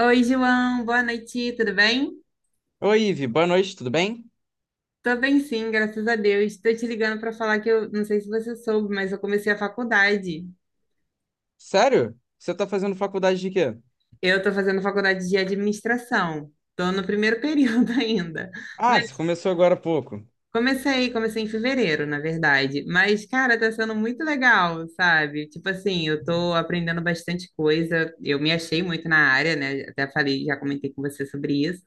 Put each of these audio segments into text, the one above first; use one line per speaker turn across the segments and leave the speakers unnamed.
Oi, João, boa noite, tudo bem?
Oi, Ivi, boa noite, tudo bem?
Tô bem sim, graças a Deus. Tô te ligando para falar que eu não sei se você soube, mas eu comecei a faculdade.
Sério? Você tá fazendo faculdade de quê?
Eu tô fazendo faculdade de administração. Tô no primeiro período ainda.
Ah, você começou agora há pouco.
Comecei em fevereiro, na verdade. Mas, cara, tá sendo muito legal, sabe? Tipo assim, eu tô aprendendo bastante coisa. Eu me achei muito na área, né? Até falei, já comentei com você sobre isso.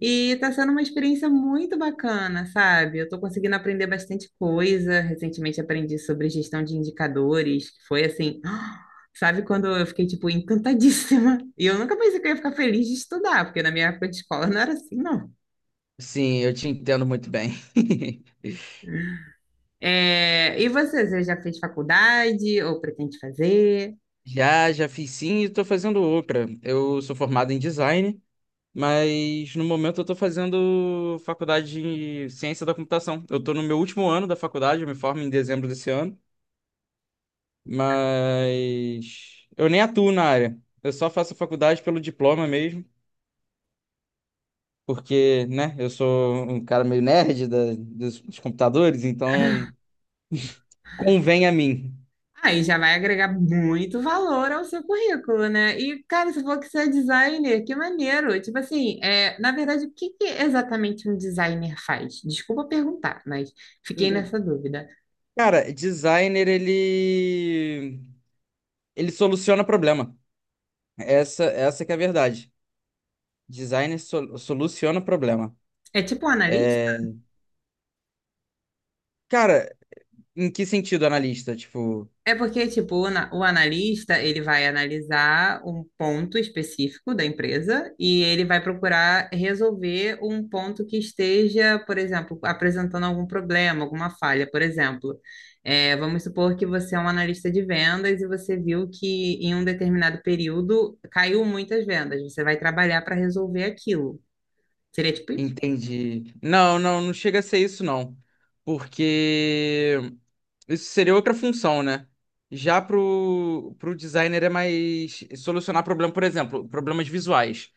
E tá sendo uma experiência muito bacana, sabe? Eu tô conseguindo aprender bastante coisa. Recentemente aprendi sobre gestão de indicadores, que foi assim. Sabe quando eu fiquei, tipo, encantadíssima? E eu nunca pensei que eu ia ficar feliz de estudar, porque na minha época de escola não era assim, não.
Sim, eu te entendo muito bem.
É, e você já fez faculdade ou pretende fazer?
Já, já fiz sim e tô fazendo outra. Eu sou formado em design, mas no momento eu tô fazendo faculdade de ciência da computação. Eu tô no meu último ano da faculdade, eu me formo em dezembro desse ano, mas eu nem atuo na área. Eu só faço faculdade pelo diploma mesmo, porque, né, eu sou um cara meio nerd dos, dos computadores, então convém a mim.
Aí já vai agregar muito valor ao seu currículo, né? E, cara, se for que você é designer, que maneiro! Tipo assim, é, na verdade, o que que exatamente um designer faz? Desculpa perguntar, mas fiquei
Hum.
nessa dúvida.
Cara, designer, ele soluciona problema. Essa que é a verdade. Designer soluciona problema.
É tipo um analista?
É, cara, em que sentido, analista? Tipo,
É porque, tipo, o analista, ele vai analisar um ponto específico da empresa e ele vai procurar resolver um ponto que esteja, por exemplo, apresentando algum problema, alguma falha. Por exemplo, é, vamos supor que você é um analista de vendas e você viu que em um determinado período caiu muitas vendas. Você vai trabalhar para resolver aquilo. Seria tipo isso?
entende? Não, não, não chega a ser isso, não. Porque isso seria outra função, né? Já pro designer é mais solucionar problema, por exemplo, problemas visuais.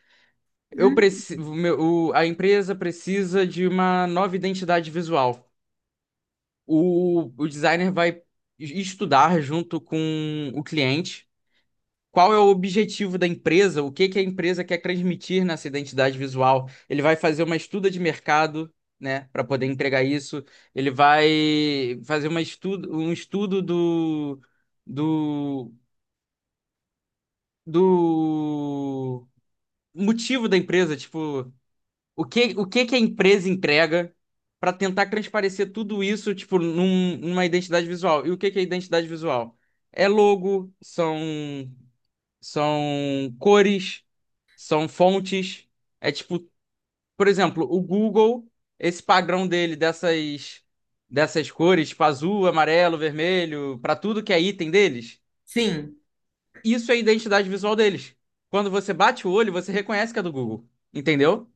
Hum.
A empresa precisa de uma nova identidade visual. O designer vai estudar junto com o cliente. Qual é o objetivo da empresa? O que que a empresa quer transmitir nessa identidade visual? Ele vai fazer uma estuda de mercado, né, para poder entregar isso. Ele vai fazer uma estudo, um estudo do, do motivo da empresa, tipo, o que que a empresa entrega para tentar transparecer tudo isso, tipo, numa identidade visual. E o que que é identidade visual? É logo, são são cores, são fontes. É tipo, por exemplo, o Google, esse padrão dele dessas cores, tipo azul, amarelo, vermelho, para tudo que é item deles,
Sim.
isso é a identidade visual deles. Quando você bate o olho, você reconhece que é do Google, entendeu?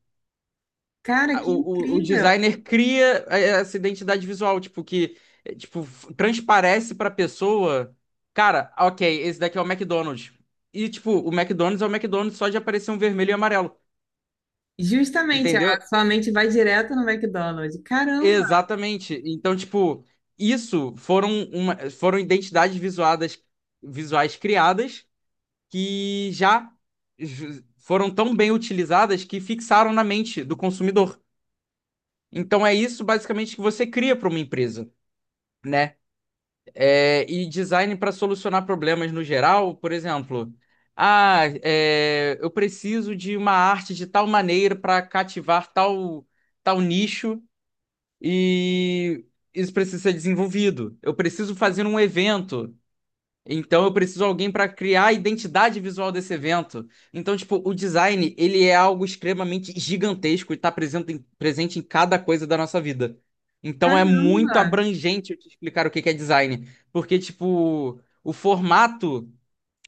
Cara,
a- o,
que
o
incrível!
designer cria essa identidade visual, tipo, que tipo, transparece pra pessoa, cara, ok, esse daqui é o McDonald's. E, tipo, o McDonald's é o McDonald's só de aparecer um vermelho e amarelo,
Justamente, a
entendeu?
sua mente vai direto no McDonald's. Caramba!
Exatamente. Então, tipo, isso foram visuais criadas que foram tão bem utilizadas que fixaram na mente do consumidor. Então, é isso basicamente que você cria para uma empresa, né? É, e design para solucionar problemas no geral, por exemplo, ah, é, eu preciso de uma arte de tal maneira para cativar tal nicho e isso precisa ser desenvolvido. Eu preciso fazer um evento, então eu preciso de alguém para criar a identidade visual desse evento. Então, tipo, o design, ele é algo extremamente gigantesco e está presente em cada coisa da nossa vida. Então é
Caramba!
muito abrangente eu te explicar o que que é design, porque tipo, o formato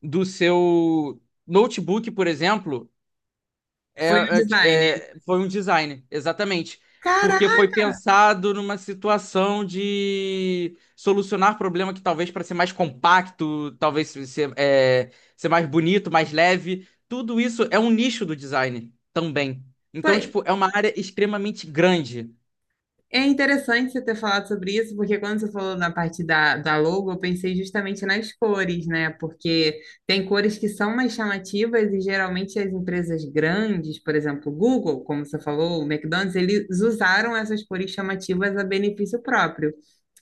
do seu notebook, por exemplo, é,
Foi o
é,
designer.
foi um design, exatamente. Porque
Caraca!
foi pensado numa situação de solucionar problema que talvez para ser mais compacto, talvez ser, é, ser mais bonito, mais leve. Tudo isso é um nicho do design também. Então,
Foi.
tipo, é uma área extremamente grande.
É interessante você ter falado sobre isso, porque quando você falou na parte da logo, eu pensei justamente nas cores, né? Porque tem cores que são mais chamativas e geralmente as empresas grandes, por exemplo, o Google, como você falou, o McDonald's, eles usaram essas cores chamativas a benefício próprio.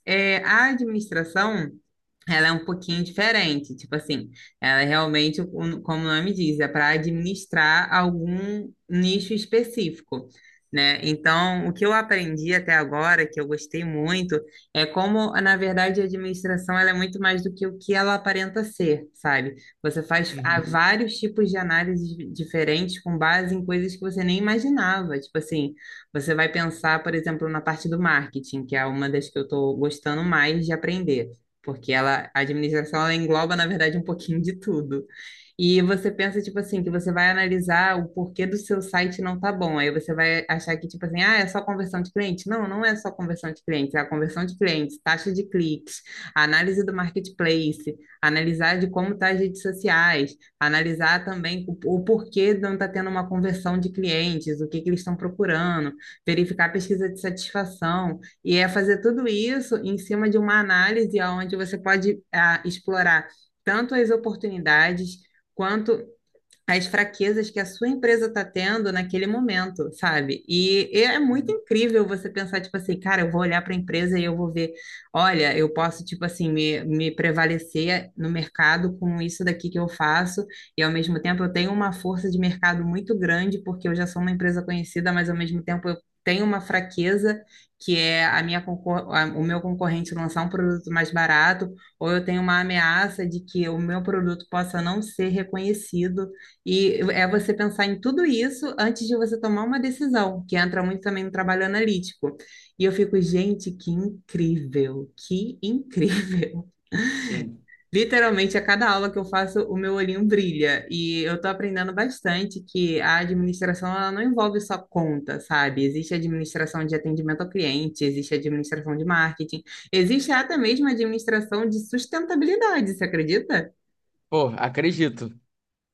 É, a administração. Ela é um pouquinho diferente, tipo assim, ela é realmente, como o nome diz, é para administrar algum nicho específico, né? Então, o que eu aprendi até agora, que eu gostei muito, é como, na verdade, a administração ela é muito mais do que o que ela aparenta ser, sabe? Você faz há Uhum.
Uhum.
vários tipos de diferentes com base em coisas que você nem imaginava. Tipo assim, você vai pensar, por exemplo, na parte do marketing, que é uma das que eu estou gostando mais de aprender porque ela, a administração ela engloba, na verdade, um pouquinho de tudo. E você pensa, tipo assim, que você vai analisar o porquê do seu site não tá bom. Aí você vai achar que, tipo assim, ah, é só conversão de cliente. Não, não é só conversão de clientes, é a conversão de clientes, taxa de cliques, a análise do marketplace, analisar de como tá as redes sociais, analisar também o porquê não tá tendo uma conversão de clientes, o que que eles estão procurando, verificar a pesquisa de satisfação. E é fazer tudo isso em cima de uma análise onde você pode ah, explorar tanto as oportunidades quanto as fraquezas que a sua empresa está tendo naquele momento, sabe? E é muito
Uhum.
incrível você pensar, tipo assim, cara, eu vou olhar para a empresa e eu vou ver, olha, eu posso, tipo assim, me prevalecer no mercado com isso daqui que eu faço, e ao mesmo tempo eu tenho uma força de mercado muito grande, porque eu já sou uma empresa conhecida, mas ao mesmo tempo eu tenho uma fraqueza, que é a minha concor- a- o meu concorrente lançar um produto mais barato, ou eu tenho uma ameaça de que o meu produto possa não ser reconhecido. E é você pensar em tudo isso antes de você tomar uma decisão, que entra muito também no trabalho analítico. E eu fico, gente, que incrível, que incrível.
Sim.
Literalmente, a cada aula que eu faço, o meu olhinho brilha. E eu tô aprendendo bastante que a administração, ela não envolve só conta, sabe? Existe administração de atendimento ao cliente, existe administração de marketing, existe até mesmo administração de sustentabilidade, você acredita?
Pô, acredito.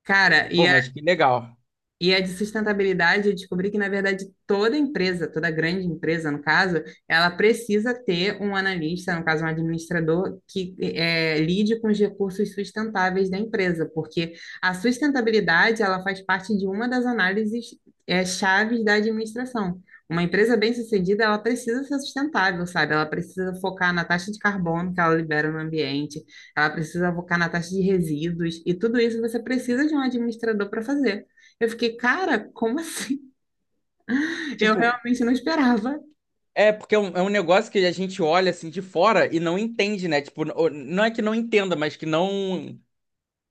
Cara,
Pô,
e
mas que legal.
E a de sustentabilidade, eu descobri que, na verdade, toda empresa, toda grande empresa, no caso, ela precisa ter um analista, no caso, um administrador, que lide com os recursos sustentáveis da empresa, porque a sustentabilidade, ela faz parte de uma das análises chaves da administração. Uma empresa bem-sucedida, ela precisa ser sustentável, sabe? Ela precisa focar na taxa de carbono que ela libera no ambiente, ela precisa focar na taxa de resíduos, e tudo isso você precisa de um administrador para fazer. Eu fiquei, cara, como assim? Eu
Tipo,
realmente não esperava.
é porque é um negócio que a gente olha assim de fora e não entende, né? Tipo, não é que não entenda, mas que não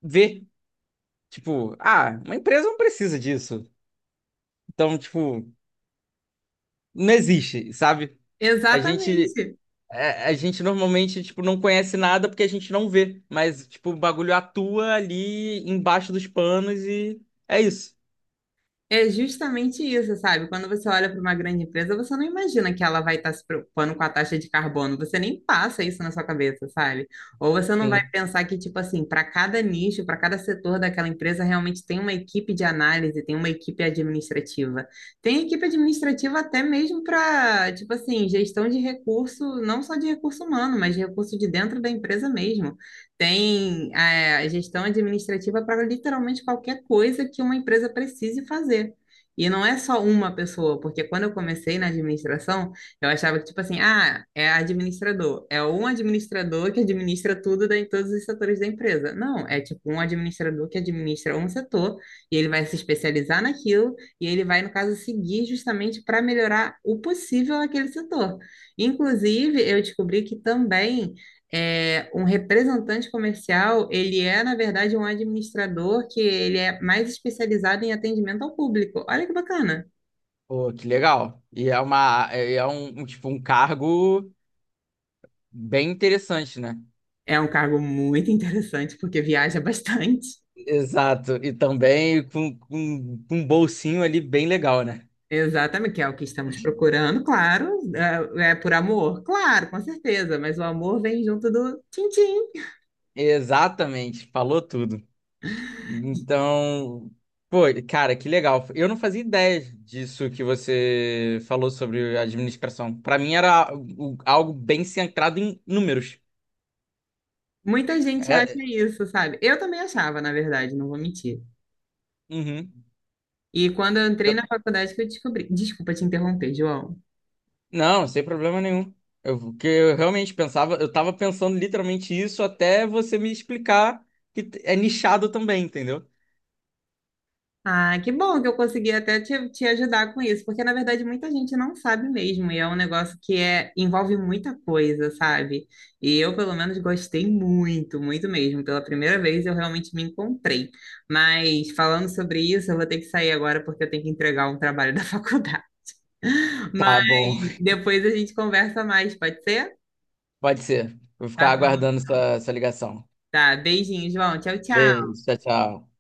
ver, tipo, ah, uma empresa não precisa disso. Então, tipo, não existe, sabe? A gente
Exatamente.
a gente normalmente, tipo, não conhece nada porque a gente não vê, mas tipo, o bagulho atua ali embaixo dos panos e é isso.
É justamente isso, sabe? Quando você olha para uma grande empresa, você não imagina que ela vai estar se preocupando com a taxa de carbono. Você nem passa isso na sua cabeça, sabe? Ou você não vai
Sim.
pensar que, tipo assim, para cada nicho, para cada setor daquela empresa, realmente tem uma equipe de análise, tem uma equipe administrativa. Tem equipe administrativa até mesmo para, tipo assim, gestão de recurso, não só de recurso humano, mas de recurso de dentro da empresa mesmo. Tem é, gestão administrativa para literalmente qualquer coisa que uma empresa precise fazer. E não é só uma pessoa, porque quando eu comecei na administração, eu achava que, tipo assim, ah, é administrador. É um administrador que administra tudo em todos os setores da empresa. Não, é tipo um administrador que administra um setor e ele vai se especializar naquilo e ele vai, no caso, seguir justamente para melhorar o possível naquele setor. Inclusive, eu descobri que também é, um representante comercial, ele é, na verdade, um administrador que ele é mais especializado em atendimento ao público. Olha que bacana.
Pô, que legal. E é uma é um, tipo um cargo bem interessante, né?
É um cargo muito interessante porque viaja bastante.
Exato. E também com um bolsinho ali bem legal, né?
Exatamente, que é o que estamos procurando, claro. É, é por amor, claro, com certeza, mas o amor vem junto do tchim-tchim.
Exatamente, falou tudo. Então, pô, cara, que legal. Eu não fazia ideia disso que você falou sobre administração. Pra mim era algo bem centrado em números.
Muita gente
É,
acha
é,
isso, sabe? Eu também achava, na verdade, não vou mentir.
uhum.
E quando eu entrei
Eu-
na faculdade que eu descobri. Desculpa te interromper, João.
não, sem problema nenhum. Eu, porque eu realmente pensava, eu tava pensando literalmente isso até você me explicar que é nichado também, entendeu?
Ah, que bom que eu consegui até te ajudar com isso, porque na verdade muita gente não sabe mesmo, e é um negócio que é, envolve muita coisa, sabe? E eu, pelo menos, gostei muito, muito mesmo. Pela primeira vez eu realmente me encontrei. Mas falando sobre isso, eu vou ter que sair agora porque eu tenho que entregar um trabalho da faculdade.
Tá bom.
Mas depois a gente conversa mais, pode ser?
Pode ser. Vou
Tá
ficar
bom.
aguardando
Então.
sua ligação.
Tá, beijinho, João. Tchau, tchau.
Beijo, tchau, tchau.